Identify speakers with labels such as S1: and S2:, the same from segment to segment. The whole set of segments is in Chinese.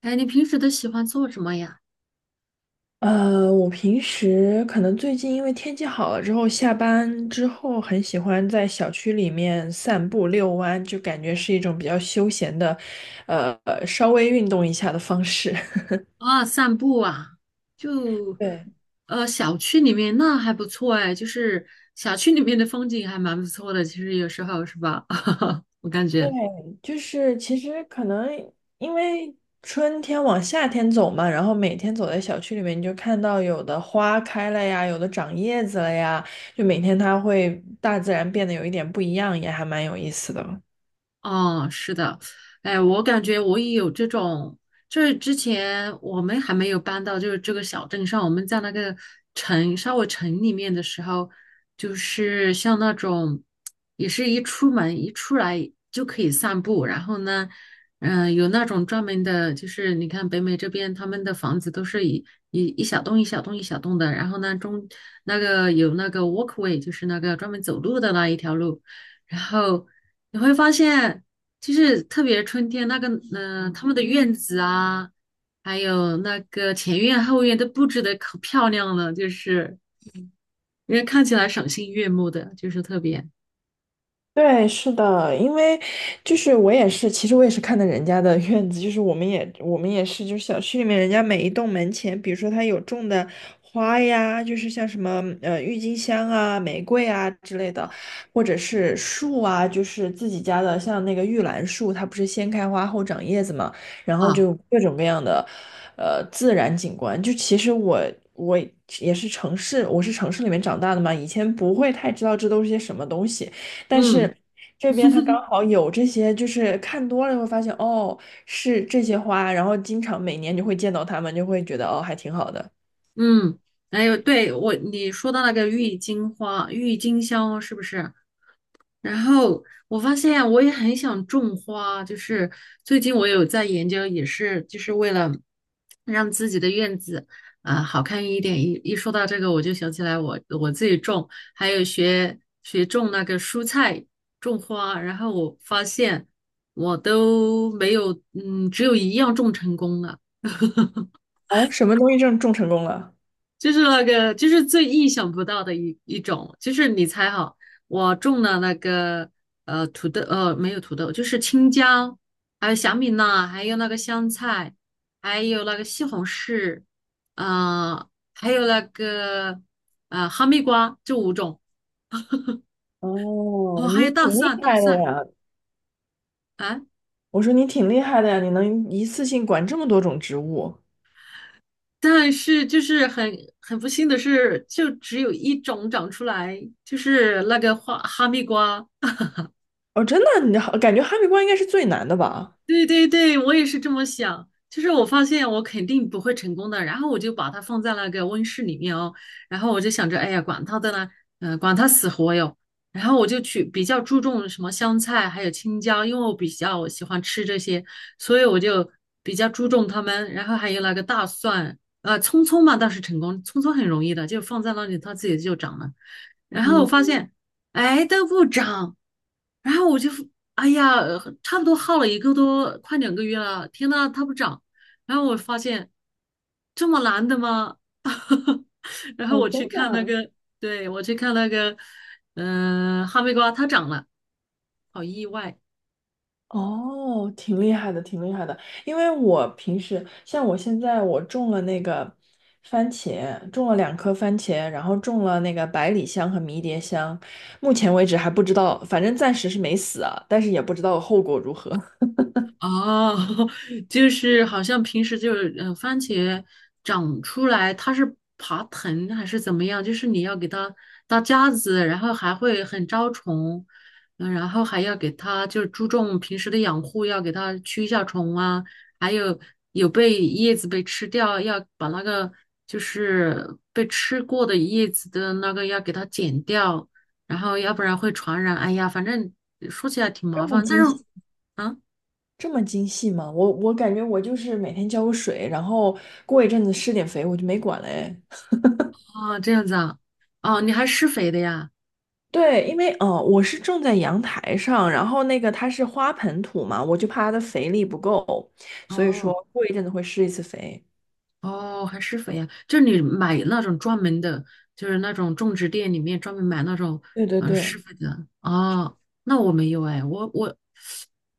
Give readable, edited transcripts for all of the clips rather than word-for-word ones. S1: 哎，你平时都喜欢做什么呀？
S2: 我平时可能最近因为天气好了之后，下班之后很喜欢在小区里面散步遛弯，就感觉是一种比较休闲的，呃，稍微运动一下的方式。
S1: 啊，散步啊，就
S2: 对
S1: 小区里面那还不错哎，就是小区里面的风景还蛮不错的，其实有时候是吧？我感
S2: 对，
S1: 觉。
S2: 就是其实可能因为春天往夏天走嘛，然后每天走在小区里面，你就看到有的花开了呀，有的长叶子了呀，就每天它会大自然变得有一点不一样，也还蛮有意思的。
S1: 哦，是的，哎，我感觉我也有这种，就是之前我们还没有搬到就是这个小镇上，我们在那个稍微城里面的时候，就是像那种，也是一出门一出来就可以散步，然后呢，有那种专门的，就是你看北美这边他们的房子都是一小栋一小栋一小栋的，然后呢那个有那个 walkway，就是那个专门走路的那一条路。然后你会发现，就是特别春天那个，他们的院子啊，还有那个前院后院都布置的可漂亮了，就是人家看起来赏心悦目的，就是特别
S2: 对，是的，因为就是我也是，其实我也是看的人家的 院子，就是我们也是，就是小区里面人家每一栋门前，比如说他有种的花呀，就是像什么郁金香啊、玫瑰啊之类的，或者是树啊，就是自己家的，像那个玉兰树，它不是先开花后长叶子嘛，然后
S1: 啊，
S2: 就各种各样的自然景观，就其实我。我也是城市，我是城市里面长大的嘛，以前不会太知道这都是些什么东西，但是
S1: 嗯
S2: 这边它刚好有这些，就是看多了会发现，哦，是这些花，然后经常每年就会见到它们，就会觉得哦，还挺好的。
S1: 嗯，还有对我你说的那个郁金香是不是？然后我发现我也很想种花，就是最近我有在研究，也是就是为了让自己的院子好看一点。一说到这个，我就想起来我自己种，还有学种那个蔬菜、种花。然后我发现我都没有，嗯，只有一样种成功了。
S2: 哦，什么东西种成功了？
S1: 就是那个，就是最意想不到的一种，就是你猜哈，我种了那个土豆，没有土豆，就是青椒，还有小米辣，还有那个香菜，还有那个西红柿，啊，还有那个哈密瓜，这五种，哦，
S2: 哦，
S1: 还有
S2: 你
S1: 大
S2: 挺厉
S1: 蒜，大
S2: 害的
S1: 蒜，
S2: 呀！
S1: 啊，
S2: 我说你挺厉害的呀，你能一次性管这么多种植物。
S1: 但是就是很不幸的是，就只有一种长出来，就是那个哈密瓜。
S2: 哦，真的，你好，感觉哈密瓜应该是最难的吧？
S1: 对对对，我也是这么想。就是我发现我肯定不会成功的，然后我就把它放在那个温室里面哦，然后我就想着，哎呀，管它的呢，管它死活哟。然后我就去比较注重什么香菜还有青椒，因为我比较喜欢吃这些，所以我就比较注重它们。然后还有那个大蒜，葱葱嘛倒是成功，葱葱很容易的，就放在那里它自己就长了。然后我
S2: 嗯，
S1: 发现，哎，都不长。然后我就，哎呀，差不多耗了一个多，快2个月了。天呐，它不长。然后我发现这么难的吗？然后
S2: 哦，
S1: 我
S2: 真
S1: 去看那
S2: 的。
S1: 个，对，我去看那个，哈密瓜它长了，好意外。
S2: 哦，挺厉害的，挺厉害的。因为我平时像我现在我种了那个番茄，种了2颗番茄，然后种了那个百里香和迷迭香，目前为止还不知道，反正暂时是没死啊，但是也不知道后果如何。
S1: 哦，就是好像平时就是番茄长出来它是爬藤还是怎么样？就是你要给它搭架子，然后还会很招虫，然后还要给它就是注重平时的养护，要给它驱一下虫啊，还有被叶子被吃掉，要把那个就是被吃过的叶子的那个要给它剪掉，然后要不然会传染。哎呀，反正说起来挺麻
S2: 这么
S1: 烦，但是
S2: 精细，
S1: 啊。
S2: 这么精细吗？我感觉我就是每天浇个水，然后过一阵子施点肥，我就没管了哎。
S1: 哦，这样子啊，哦，你还施肥的呀？
S2: 对，因为我是种在阳台上，然后那个它是花盆土嘛，我就怕它的肥力不够，所以说
S1: 哦
S2: 过一阵子会施一次肥。
S1: 哦，还施肥呀？就是你买那种专门的，就是那种种植店里面专门买那种
S2: 对对对，
S1: 施肥的。哦，那我没有哎，我我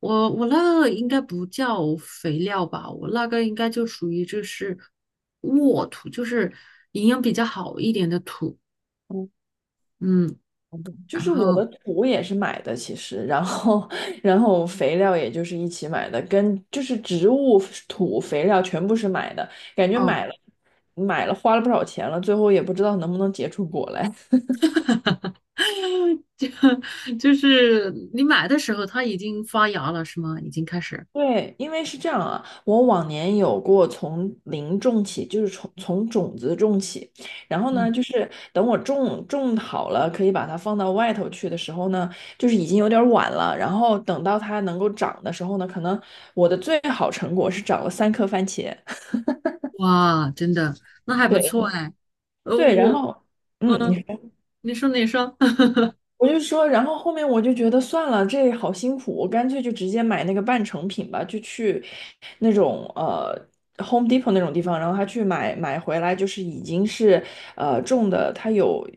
S1: 我我那个应该不叫肥料吧，我那个应该就属于就是沃土，就是营养比较好一点的土。嗯，
S2: 就
S1: 然
S2: 是我的
S1: 后
S2: 土也是买的，其实，然后 然后肥料也就是一起买的，跟就是植物土肥料全部是买的，感觉
S1: 哦，
S2: 买了花了不少钱了，最后也不知道能不能结出果来。
S1: 就就是你买的时候它已经发芽了是吗？已经开始。
S2: 对，因为是这样啊，我往年有过从零种起，就是从种子种起，然后呢，
S1: 嗯。
S2: 就是等我种好了，可以把它放到外头去的时候呢，就是已经有点晚了。然后等到它能够长的时候呢，可能我的最好成果是长了3颗番茄。
S1: 哇，真的，那还不
S2: 对
S1: 错哎。呃，
S2: 对，然
S1: 我，
S2: 后你
S1: 嗯、
S2: 说
S1: 你说你说，
S2: 我就说，然后后面我就觉得算了，这好辛苦，我干脆就直接买那个半成品吧，就去那种Home Depot 那种地方，然后他去买回来，就是已经是种的，它有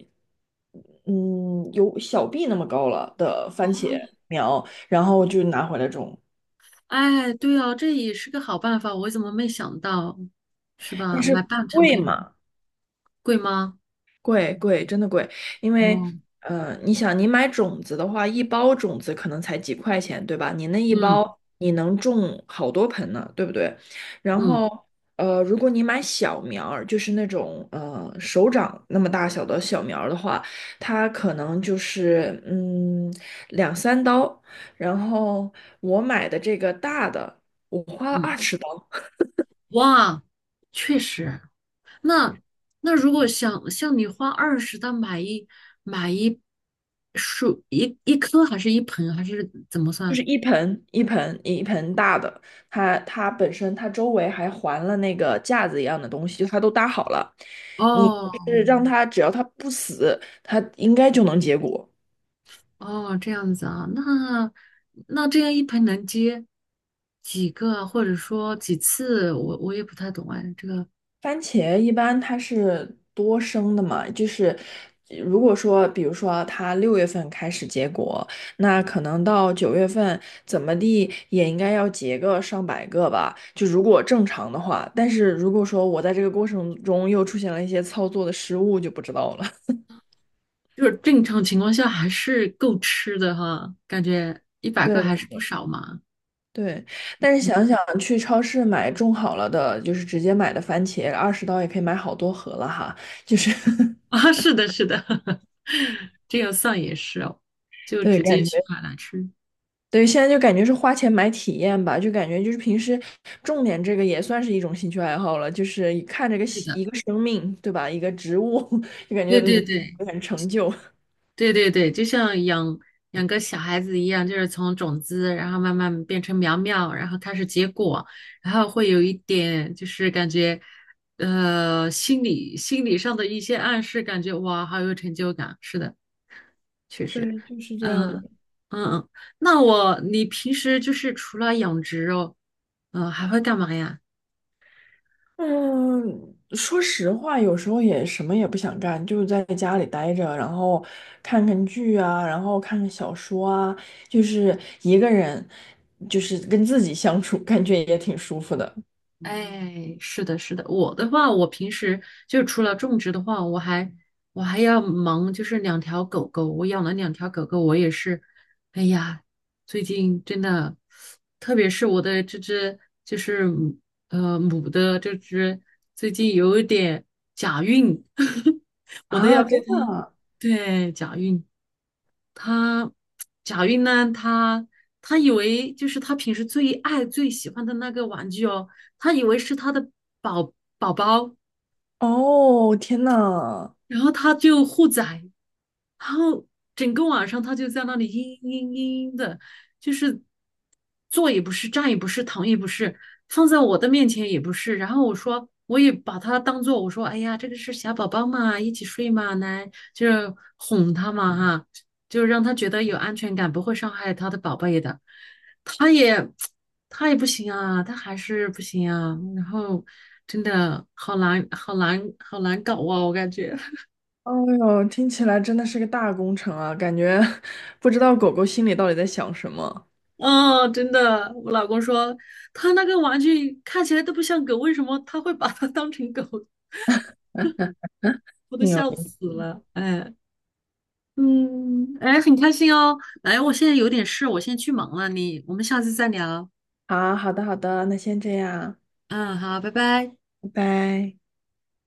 S2: 嗯有小臂那么高了的番茄苗，然后就拿回来种，
S1: 哎，对哦，这也是个好办法，我怎么没想到，是
S2: 但
S1: 吧？买
S2: 是
S1: 半成
S2: 贵
S1: 品
S2: 嘛。
S1: 贵吗？
S2: 贵贵，真的贵，因为
S1: 哦，
S2: 你想，你买种子的话，一包种子可能才几块钱，对吧？你那一
S1: 嗯
S2: 包你能种好多盆呢，对不对？然
S1: 嗯
S2: 后如果你买小苗儿，就是那种手掌那么大小的小苗儿的话，它可能就是2、3刀。然后我买的这个大的，我花了二
S1: 嗯，
S2: 十。
S1: 哇，确实。那如果想像你花20的买一买一树一一颗还是一盆还是怎么
S2: 就
S1: 算？
S2: 是一盆大的，它本身它周围还环了那个架子一样的东西，就它都搭好了。你
S1: 哦，
S2: 就是让它只要它不死，它应该就能结果。
S1: 哦，这样子啊，那这样一盆能接几个，或者说几次，我也不太懂哎。这个
S2: 番茄一般它是多生的嘛，就是如果说，比如说它6月份开始结果，那可能到9月份怎么地也应该要结个上百个吧，就如果正常的话。但是如果说我在这个过程中又出现了一些操作的失误，就不知道了。
S1: 就是正常情况下还是够吃的哈，感觉100个
S2: 对
S1: 还是不少嘛。
S2: 对，但是想想去超市买种好了的，就是直接买的番茄，20刀也可以买好多盒了哈，就是
S1: 啊，是的，是的，这样算也是哦，就
S2: 对，
S1: 直接
S2: 感
S1: 去
S2: 觉。
S1: 买来吃。
S2: 对，现在就感觉是花钱买体验吧，就感觉就是平时重点这个也算是一种兴趣爱好了，就是一看这个
S1: 是
S2: 喜
S1: 的，
S2: 一个生命，对吧？一个植物，就感觉
S1: 对对对，
S2: 很成就。
S1: 对对对，就像养个小孩子一样，就是从种子，然后慢慢变成苗苗，然后开始结果，然后会有一点就是感觉，心理上的一些暗示，感觉哇，好有成就感。是的，确实，
S2: 对，就是这样的。
S1: 嗯嗯嗯。你平时就是除了养殖哦，还会干嘛呀？
S2: 嗯，说实话，有时候也什么也不想干，就在家里待着，然后看看剧啊，然后看看小说啊，就是一个人，就是跟自己相处，感觉也挺舒服的。
S1: 哎，是的，是的，我的话，我平时就除了种植的话，我还要忙，就是两条狗狗，我养了两条狗狗，我也是，哎呀，最近真的，特别是我的这只就是母的这只，最近有一点假孕，我都
S2: 啊！
S1: 要被
S2: 真
S1: 它，
S2: 的啊。
S1: 对，假孕。他贾云呢，他以为就是他平时最喜欢的那个玩具哦，他以为是他的宝宝宝，
S2: 哦，天呐！
S1: 然后他就护崽，然后整个晚上他就在那里嘤嘤嘤嘤的，就是坐也不是，站也不是，躺也不是，放在我的面前也不是。然后我说，我也把他当做我说，哎呀，这个是小宝宝嘛，一起睡嘛，来就是哄他嘛哈，就是让他觉得有安全感，不会伤害他的宝贝的。他也他也不行啊，他还是不行啊。然后真的好难，好难，好难搞啊，我感觉。
S2: 哦哟，听起来真的是个大工程啊，感觉 不知道狗狗心里到底在想什么，
S1: 哦，真的，我老公说他那个玩具看起来都不像狗，为什么他会把它 当成狗？我都
S2: 挺有
S1: 笑
S2: 意思。
S1: 死了。哎，嗯，哎，很开心哦。哎，我现在有点事，我先去忙了，我们下次再聊。
S2: 好，好的，好的，那先这样，
S1: 嗯，好，拜拜。
S2: 拜拜。